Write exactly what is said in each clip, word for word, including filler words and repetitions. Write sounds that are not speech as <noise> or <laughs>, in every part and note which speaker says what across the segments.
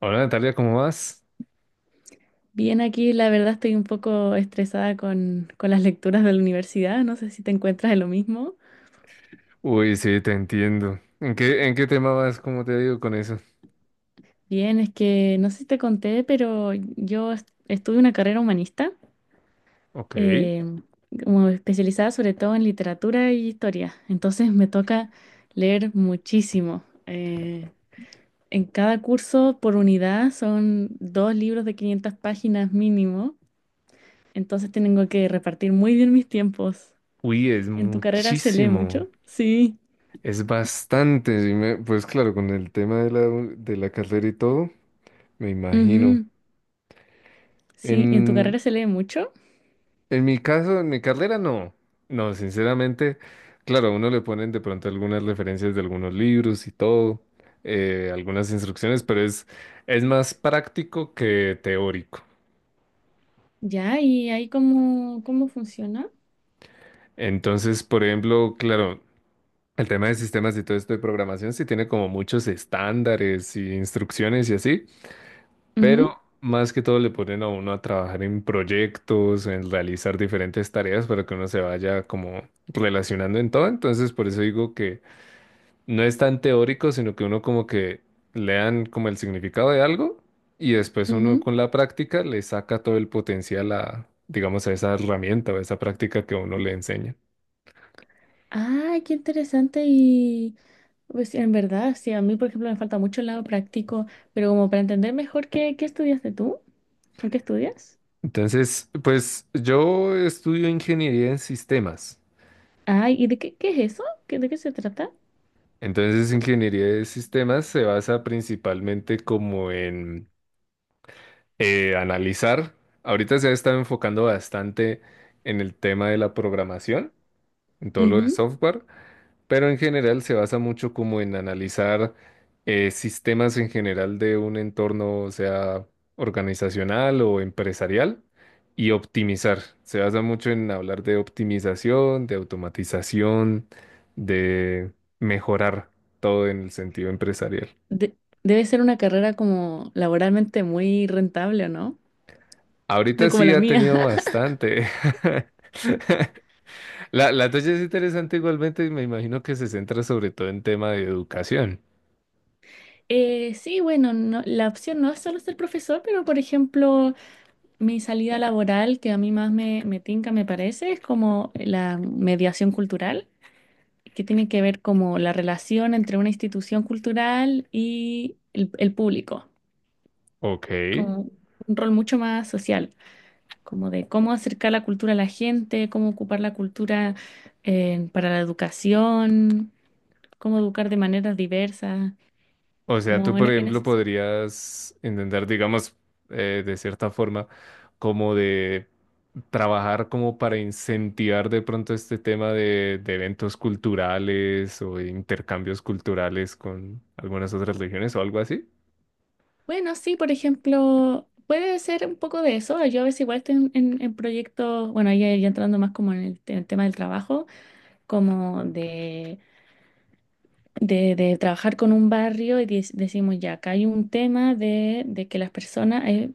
Speaker 1: Hola Natalia, ¿cómo vas?
Speaker 2: Bien, aquí la verdad estoy un poco estresada con, con las lecturas de la universidad, no sé si te encuentras de lo mismo.
Speaker 1: Uy, sí, te entiendo. ¿En qué, en qué tema vas? ¿Cómo te digo con eso?
Speaker 2: Bien, es que no sé si te conté, pero yo est- estudié una carrera humanista,
Speaker 1: Ok.
Speaker 2: eh, como especializada sobre todo en literatura y historia, entonces me toca leer muchísimo. Eh, en cada curso por unidad son dos libros de quinientas páginas mínimo, entonces tengo que repartir muy bien mis tiempos.
Speaker 1: Uy, es
Speaker 2: ¿En tu carrera se lee
Speaker 1: muchísimo.
Speaker 2: mucho? Sí.
Speaker 1: Es bastante. Sí me- pues claro, con el tema de la, de la carrera y todo, me imagino.
Speaker 2: Ujú. Sí, ¿en tu carrera
Speaker 1: En,
Speaker 2: se lee mucho?
Speaker 1: en mi caso, en mi carrera, no. No, sinceramente, claro, a uno le ponen de pronto algunas referencias de algunos libros y todo, eh, algunas instrucciones, pero es, es más práctico que teórico.
Speaker 2: Ya, ¿y ahí cómo, cómo funciona?
Speaker 1: Entonces, por ejemplo, claro. El tema de sistemas y todo esto de programación sí tiene como muchos estándares y instrucciones y así,
Speaker 2: Ujú,
Speaker 1: pero más que todo le ponen a uno a trabajar en proyectos, en realizar diferentes tareas para que uno se vaya como relacionando en todo. Entonces, por eso digo que no es tan teórico, sino que uno como que lean como el significado de algo y después uno
Speaker 2: ujú.
Speaker 1: con la práctica le saca todo el potencial a, digamos, a esa herramienta o a esa práctica que uno le enseña.
Speaker 2: Ah, qué interesante y pues en verdad, sí, a mí por ejemplo me falta mucho el lado práctico, pero como para entender mejor qué, qué estudiaste tú, ¿o qué estudias?
Speaker 1: Entonces, pues yo estudio ingeniería en sistemas.
Speaker 2: Ay, ¿y de qué, qué es eso? ¿Qué- ¿De qué se trata?
Speaker 1: Entonces, ingeniería de sistemas se basa principalmente como en eh, analizar. Ahorita se ha estado enfocando bastante en el tema de la programación, en todo lo de
Speaker 2: Ujú.
Speaker 1: software. Pero en general se basa mucho como en analizar eh, sistemas en general de un entorno, sea organizacional o empresarial, y optimizar. Se basa mucho en hablar de optimización, de automatización, de mejorar todo en el sentido empresarial.
Speaker 2: De- Debe ser una carrera como laboralmente muy rentable, ¿o no? No
Speaker 1: Ahorita
Speaker 2: como
Speaker 1: sí
Speaker 2: la
Speaker 1: ha
Speaker 2: mía.
Speaker 1: tenido
Speaker 2: <laughs>
Speaker 1: bastante. <laughs> La, la tuya es interesante igualmente y me imagino que se centra sobre todo en tema de educación.
Speaker 2: Eh, sí, bueno, no- la opción no es solo ser profesor, pero por ejemplo... Mi salida laboral que a mí más me, me tinca, me parece, es como la mediación cultural, que tiene que ver como la relación entre una institución cultural y el, el público,
Speaker 1: Ok.
Speaker 2: como un rol mucho más social, como de cómo acercar la cultura a la gente, cómo ocupar la cultura eh, para la educación, cómo educar de maneras diversas,
Speaker 1: O sea, tú,
Speaker 2: como en,
Speaker 1: por
Speaker 2: en
Speaker 1: ejemplo,
Speaker 2: ese...
Speaker 1: podrías intentar, digamos, eh, de cierta forma, como de trabajar como para incentivar de pronto este tema de, de eventos culturales o de intercambios culturales con algunas otras regiones o algo así.
Speaker 2: Bueno, sí, por ejemplo, puede ser un poco de eso. Yo a veces igual estoy en, en- en proyectos, bueno, ahí ya, ya entrando más como en el, te- el tema del trabajo, como de, de- de trabajar con un barrio y dec- decimos ya, acá hay un tema de, de que las personas, eh,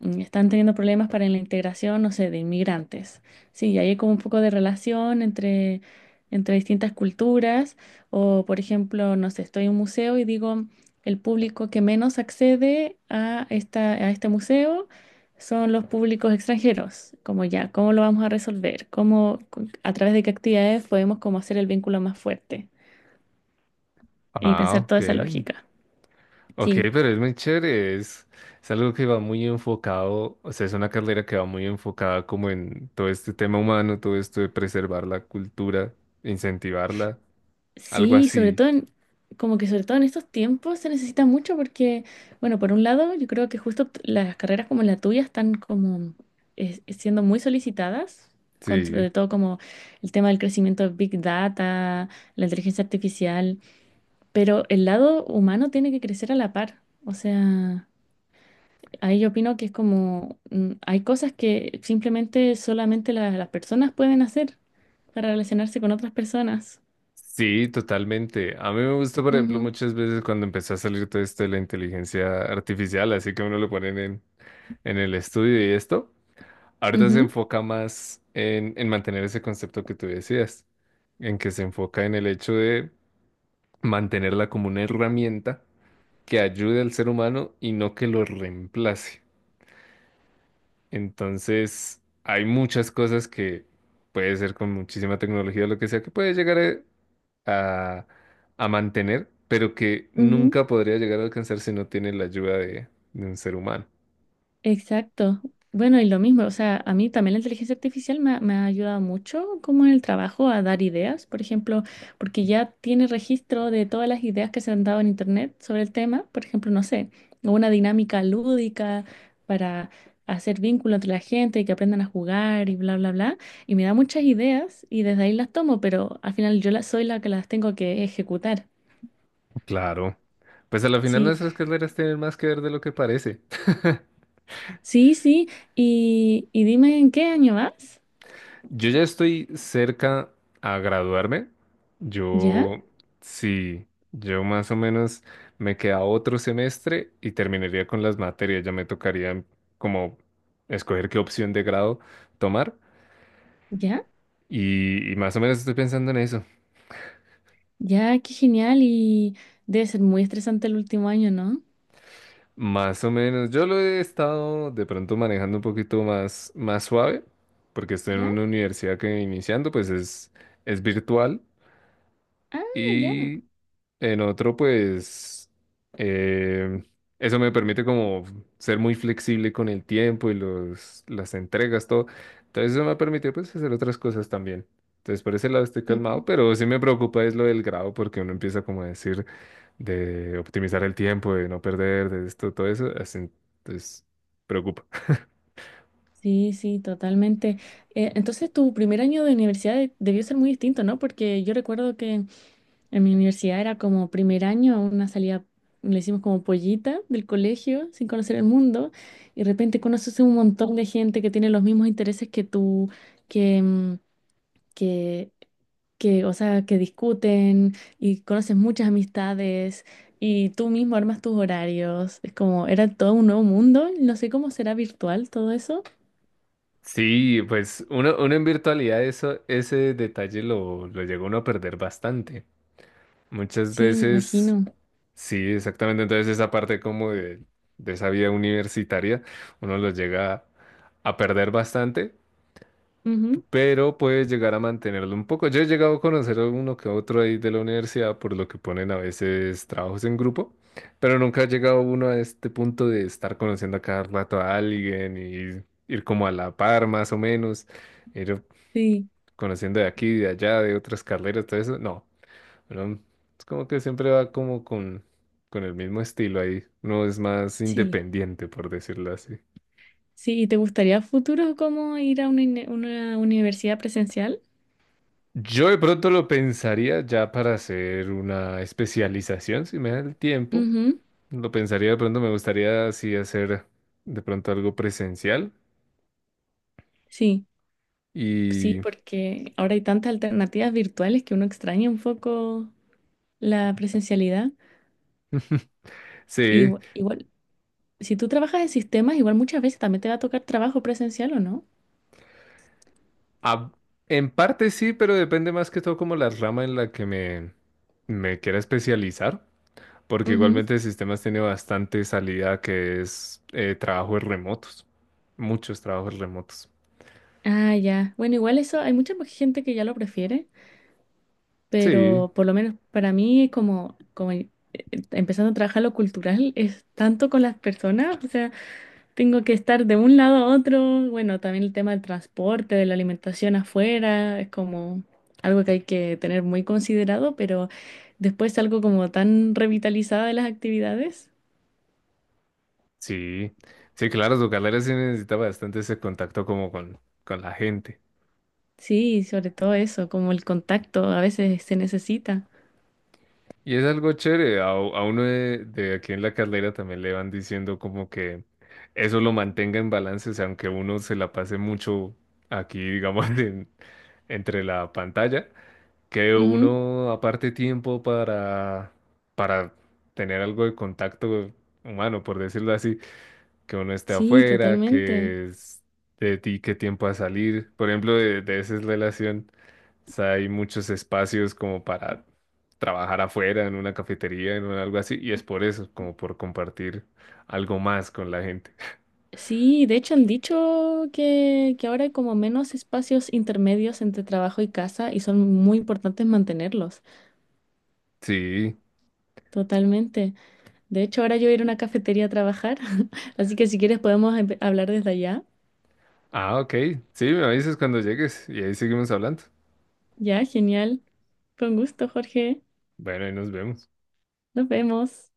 Speaker 2: mm, están teniendo problemas para la integración, no sé, de inmigrantes. Sí, y ahí hay como un poco de relación entre, entre distintas culturas. O, por ejemplo, no sé, estoy en un museo y digo, el público que menos accede a esta, a este museo son los públicos extranjeros. Como ya, ¿cómo lo vamos a resolver? ¿Cómo, cu- a través de qué actividades podemos como hacer el vínculo más fuerte? Y
Speaker 1: Ah,
Speaker 2: pensar toda
Speaker 1: ok.
Speaker 2: esa lógica.
Speaker 1: Ok,
Speaker 2: Sí.
Speaker 1: pero es muy chévere. Es, es algo que va muy enfocado, o sea, es una carrera que va muy enfocada como en todo este tema humano, todo esto de preservar la cultura, incentivarla, algo
Speaker 2: Sí, sobre
Speaker 1: así.
Speaker 2: todo en, como que sobre todo en estos tiempos se necesita mucho porque, bueno, por un lado, yo creo que justo t- las carreras como la tuya están como es- siendo muy solicitadas, con
Speaker 1: Sí.
Speaker 2: sobre todo como el tema del crecimiento de Big Data, la inteligencia artificial, pero el lado humano tiene que crecer a la par. O sea, ahí yo opino que es como, mm, hay cosas que simplemente solamente la- las personas pueden hacer para relacionarse con otras personas.
Speaker 1: Sí, totalmente. A mí me gusta, por ejemplo,
Speaker 2: Ujú,
Speaker 1: muchas veces cuando empezó a salir todo esto de la inteligencia artificial, así que uno lo ponen en, en el estudio y esto, ahorita se
Speaker 2: ujú,
Speaker 1: enfoca más en, en mantener ese concepto que tú decías, en que se enfoca en el hecho de mantenerla como una herramienta que ayude al ser humano y no que lo reemplace. Entonces, hay muchas cosas que puede ser con muchísima tecnología, lo que sea, que puede llegar eh, a, a mantener, pero que
Speaker 2: ujú.
Speaker 1: nunca podría llegar a alcanzar si no tiene la ayuda de, de un ser humano.
Speaker 2: Exacto. Bueno, y lo mismo, o sea, a mí también la inteligencia artificial me, ha me ha ayudado mucho como en el trabajo a dar ideas, por ejemplo, porque ya tiene registro de todas las ideas que se han dado en internet sobre el tema, por ejemplo, no sé, una dinámica lúdica para hacer vínculo entre la gente y que aprendan a jugar y bla, bla, bla, y me da muchas ideas y desde ahí las tomo, pero al final yo la- soy la que las tengo que ejecutar.
Speaker 1: Claro. Pues a la final
Speaker 2: Sí,
Speaker 1: nuestras carreras tienen más que ver de lo que parece.
Speaker 2: sí, sí, y, y dime en qué año vas,
Speaker 1: <laughs> Yo ya estoy cerca a graduarme.
Speaker 2: ¿ya?
Speaker 1: Yo, sí, yo más o menos me queda otro semestre y terminaría con las materias. Ya me tocaría como escoger qué opción de grado tomar.
Speaker 2: ¿Ya?
Speaker 1: Y, y más o menos estoy pensando en eso.
Speaker 2: Ya, qué genial. Y debe ser muy estresante el último año, ¿no?
Speaker 1: Más o menos. Yo lo he estado de pronto manejando un poquito más, más suave, porque estoy en
Speaker 2: ¿Ya?
Speaker 1: una universidad que iniciando, pues es, es virtual.
Speaker 2: Ah, ya.
Speaker 1: Y en otro, pues, eh, eso me permite como ser muy flexible con el tiempo y los, las entregas, todo. Entonces eso me ha permitido pues hacer otras cosas también. Entonces por ese lado estoy calmado,
Speaker 2: Ujú.
Speaker 1: pero sí me preocupa es lo del grado porque uno empieza como a decir de optimizar el tiempo, de no perder, de esto, todo eso. Así, entonces preocupa.
Speaker 2: Sí, sí, totalmente. Eh, entonces, tu primer año de universidad de- debió ser muy distinto, ¿no? Porque yo recuerdo que en mi universidad era como primer año, una salida, le hicimos como pollita del colegio, sin conocer el mundo, y de repente conoces un montón de gente que tiene los mismos intereses que tú, que, mm, que que, o sea, que discuten y conoces muchas amistades y tú mismo armas tus horarios. Es como, era todo un nuevo mundo. No sé cómo será virtual todo eso.
Speaker 1: Sí, pues uno, uno en virtualidad eso, ese detalle lo, lo llega uno a perder bastante. Muchas
Speaker 2: Sí, me
Speaker 1: veces
Speaker 2: imagino.
Speaker 1: sí, exactamente. Entonces esa parte como de, de esa vida universitaria, uno lo llega a perder bastante,
Speaker 2: Ujú,
Speaker 1: pero puede llegar a mantenerlo un poco. Yo he llegado a conocer a uno que otro ahí de la universidad, por lo que ponen a veces trabajos en grupo, pero nunca ha llegado uno a este punto de estar conociendo a cada rato a alguien y ir como a la par más o menos, ir
Speaker 2: sí,
Speaker 1: conociendo de aquí, de allá, de otras carreras, todo eso. No. Pero es como que siempre va como con, con el mismo estilo ahí. No es más
Speaker 2: sí,
Speaker 1: independiente, por decirlo así.
Speaker 2: sí. ¿Y te gustaría a futuro como ir a una, uni- una universidad presencial?
Speaker 1: Yo de pronto lo pensaría ya para hacer una especialización, si me da el tiempo.
Speaker 2: Ujú,
Speaker 1: Lo pensaría de pronto, me gustaría así hacer de pronto algo presencial.
Speaker 2: sí, sí,
Speaker 1: Y
Speaker 2: porque ahora hay tantas alternativas virtuales que uno extraña un poco la presencialidad. Y,
Speaker 1: sí,
Speaker 2: igual, si tú trabajas en sistemas, igual muchas veces también te va a tocar trabajo presencial, ¿o no?
Speaker 1: a- en parte sí, pero depende más que todo como la rama en la que me, me quiera especializar. Porque
Speaker 2: Ujú.
Speaker 1: igualmente el sistema tiene bastante salida que es eh, trabajos remotos, muchos trabajos remotos.
Speaker 2: Ah, ya. Bueno, igual eso, hay mucha más gente que ya lo prefiere,
Speaker 1: Sí,
Speaker 2: pero por lo menos para mí, como, como eh, empezando a trabajar lo cultural, es tanto con las personas, o sea, tengo que estar de un lado a otro, bueno, también el tema del transporte, de la alimentación afuera, es como algo que hay que tener muy considerado, pero después algo como tan revitalizada de las actividades,
Speaker 1: sí, sí, claro, tu carrera sí necesita bastante ese contacto como con, con la gente.
Speaker 2: sí, sobre todo eso, como el contacto a veces se necesita.
Speaker 1: Y es algo chévere, a, a uno de, de aquí en la carrera también le van diciendo como que eso lo mantenga en balance, o sea, aunque uno se la pase mucho aquí, digamos, <laughs> en- entre la pantalla. Que
Speaker 2: Ujú.
Speaker 1: uno aparte tiempo para, para tener algo de contacto humano, por decirlo así, que uno esté
Speaker 2: Sí,
Speaker 1: afuera,
Speaker 2: totalmente.
Speaker 1: que es de ti qué tiempo a salir. Por ejemplo, de, de esa relación, o sea, hay muchos espacios como para trabajar afuera, en una cafetería, en un algo así, y es por eso, como por compartir algo más con la gente.
Speaker 2: Sí, de hecho han dicho que, que ahora hay como menos espacios intermedios entre trabajo y casa y son muy importantes mantenerlos,
Speaker 1: Sí.
Speaker 2: totalmente. De hecho, ahora yo voy a ir a una cafetería a trabajar, <laughs> así que si quieres podemos empe- hablar desde allá.
Speaker 1: Ah, ok. Sí, me avisas cuando llegues y ahí seguimos hablando.
Speaker 2: Ya, genial. Con gusto, Jorge.
Speaker 1: Bueno, ahí nos vemos.
Speaker 2: Nos vemos.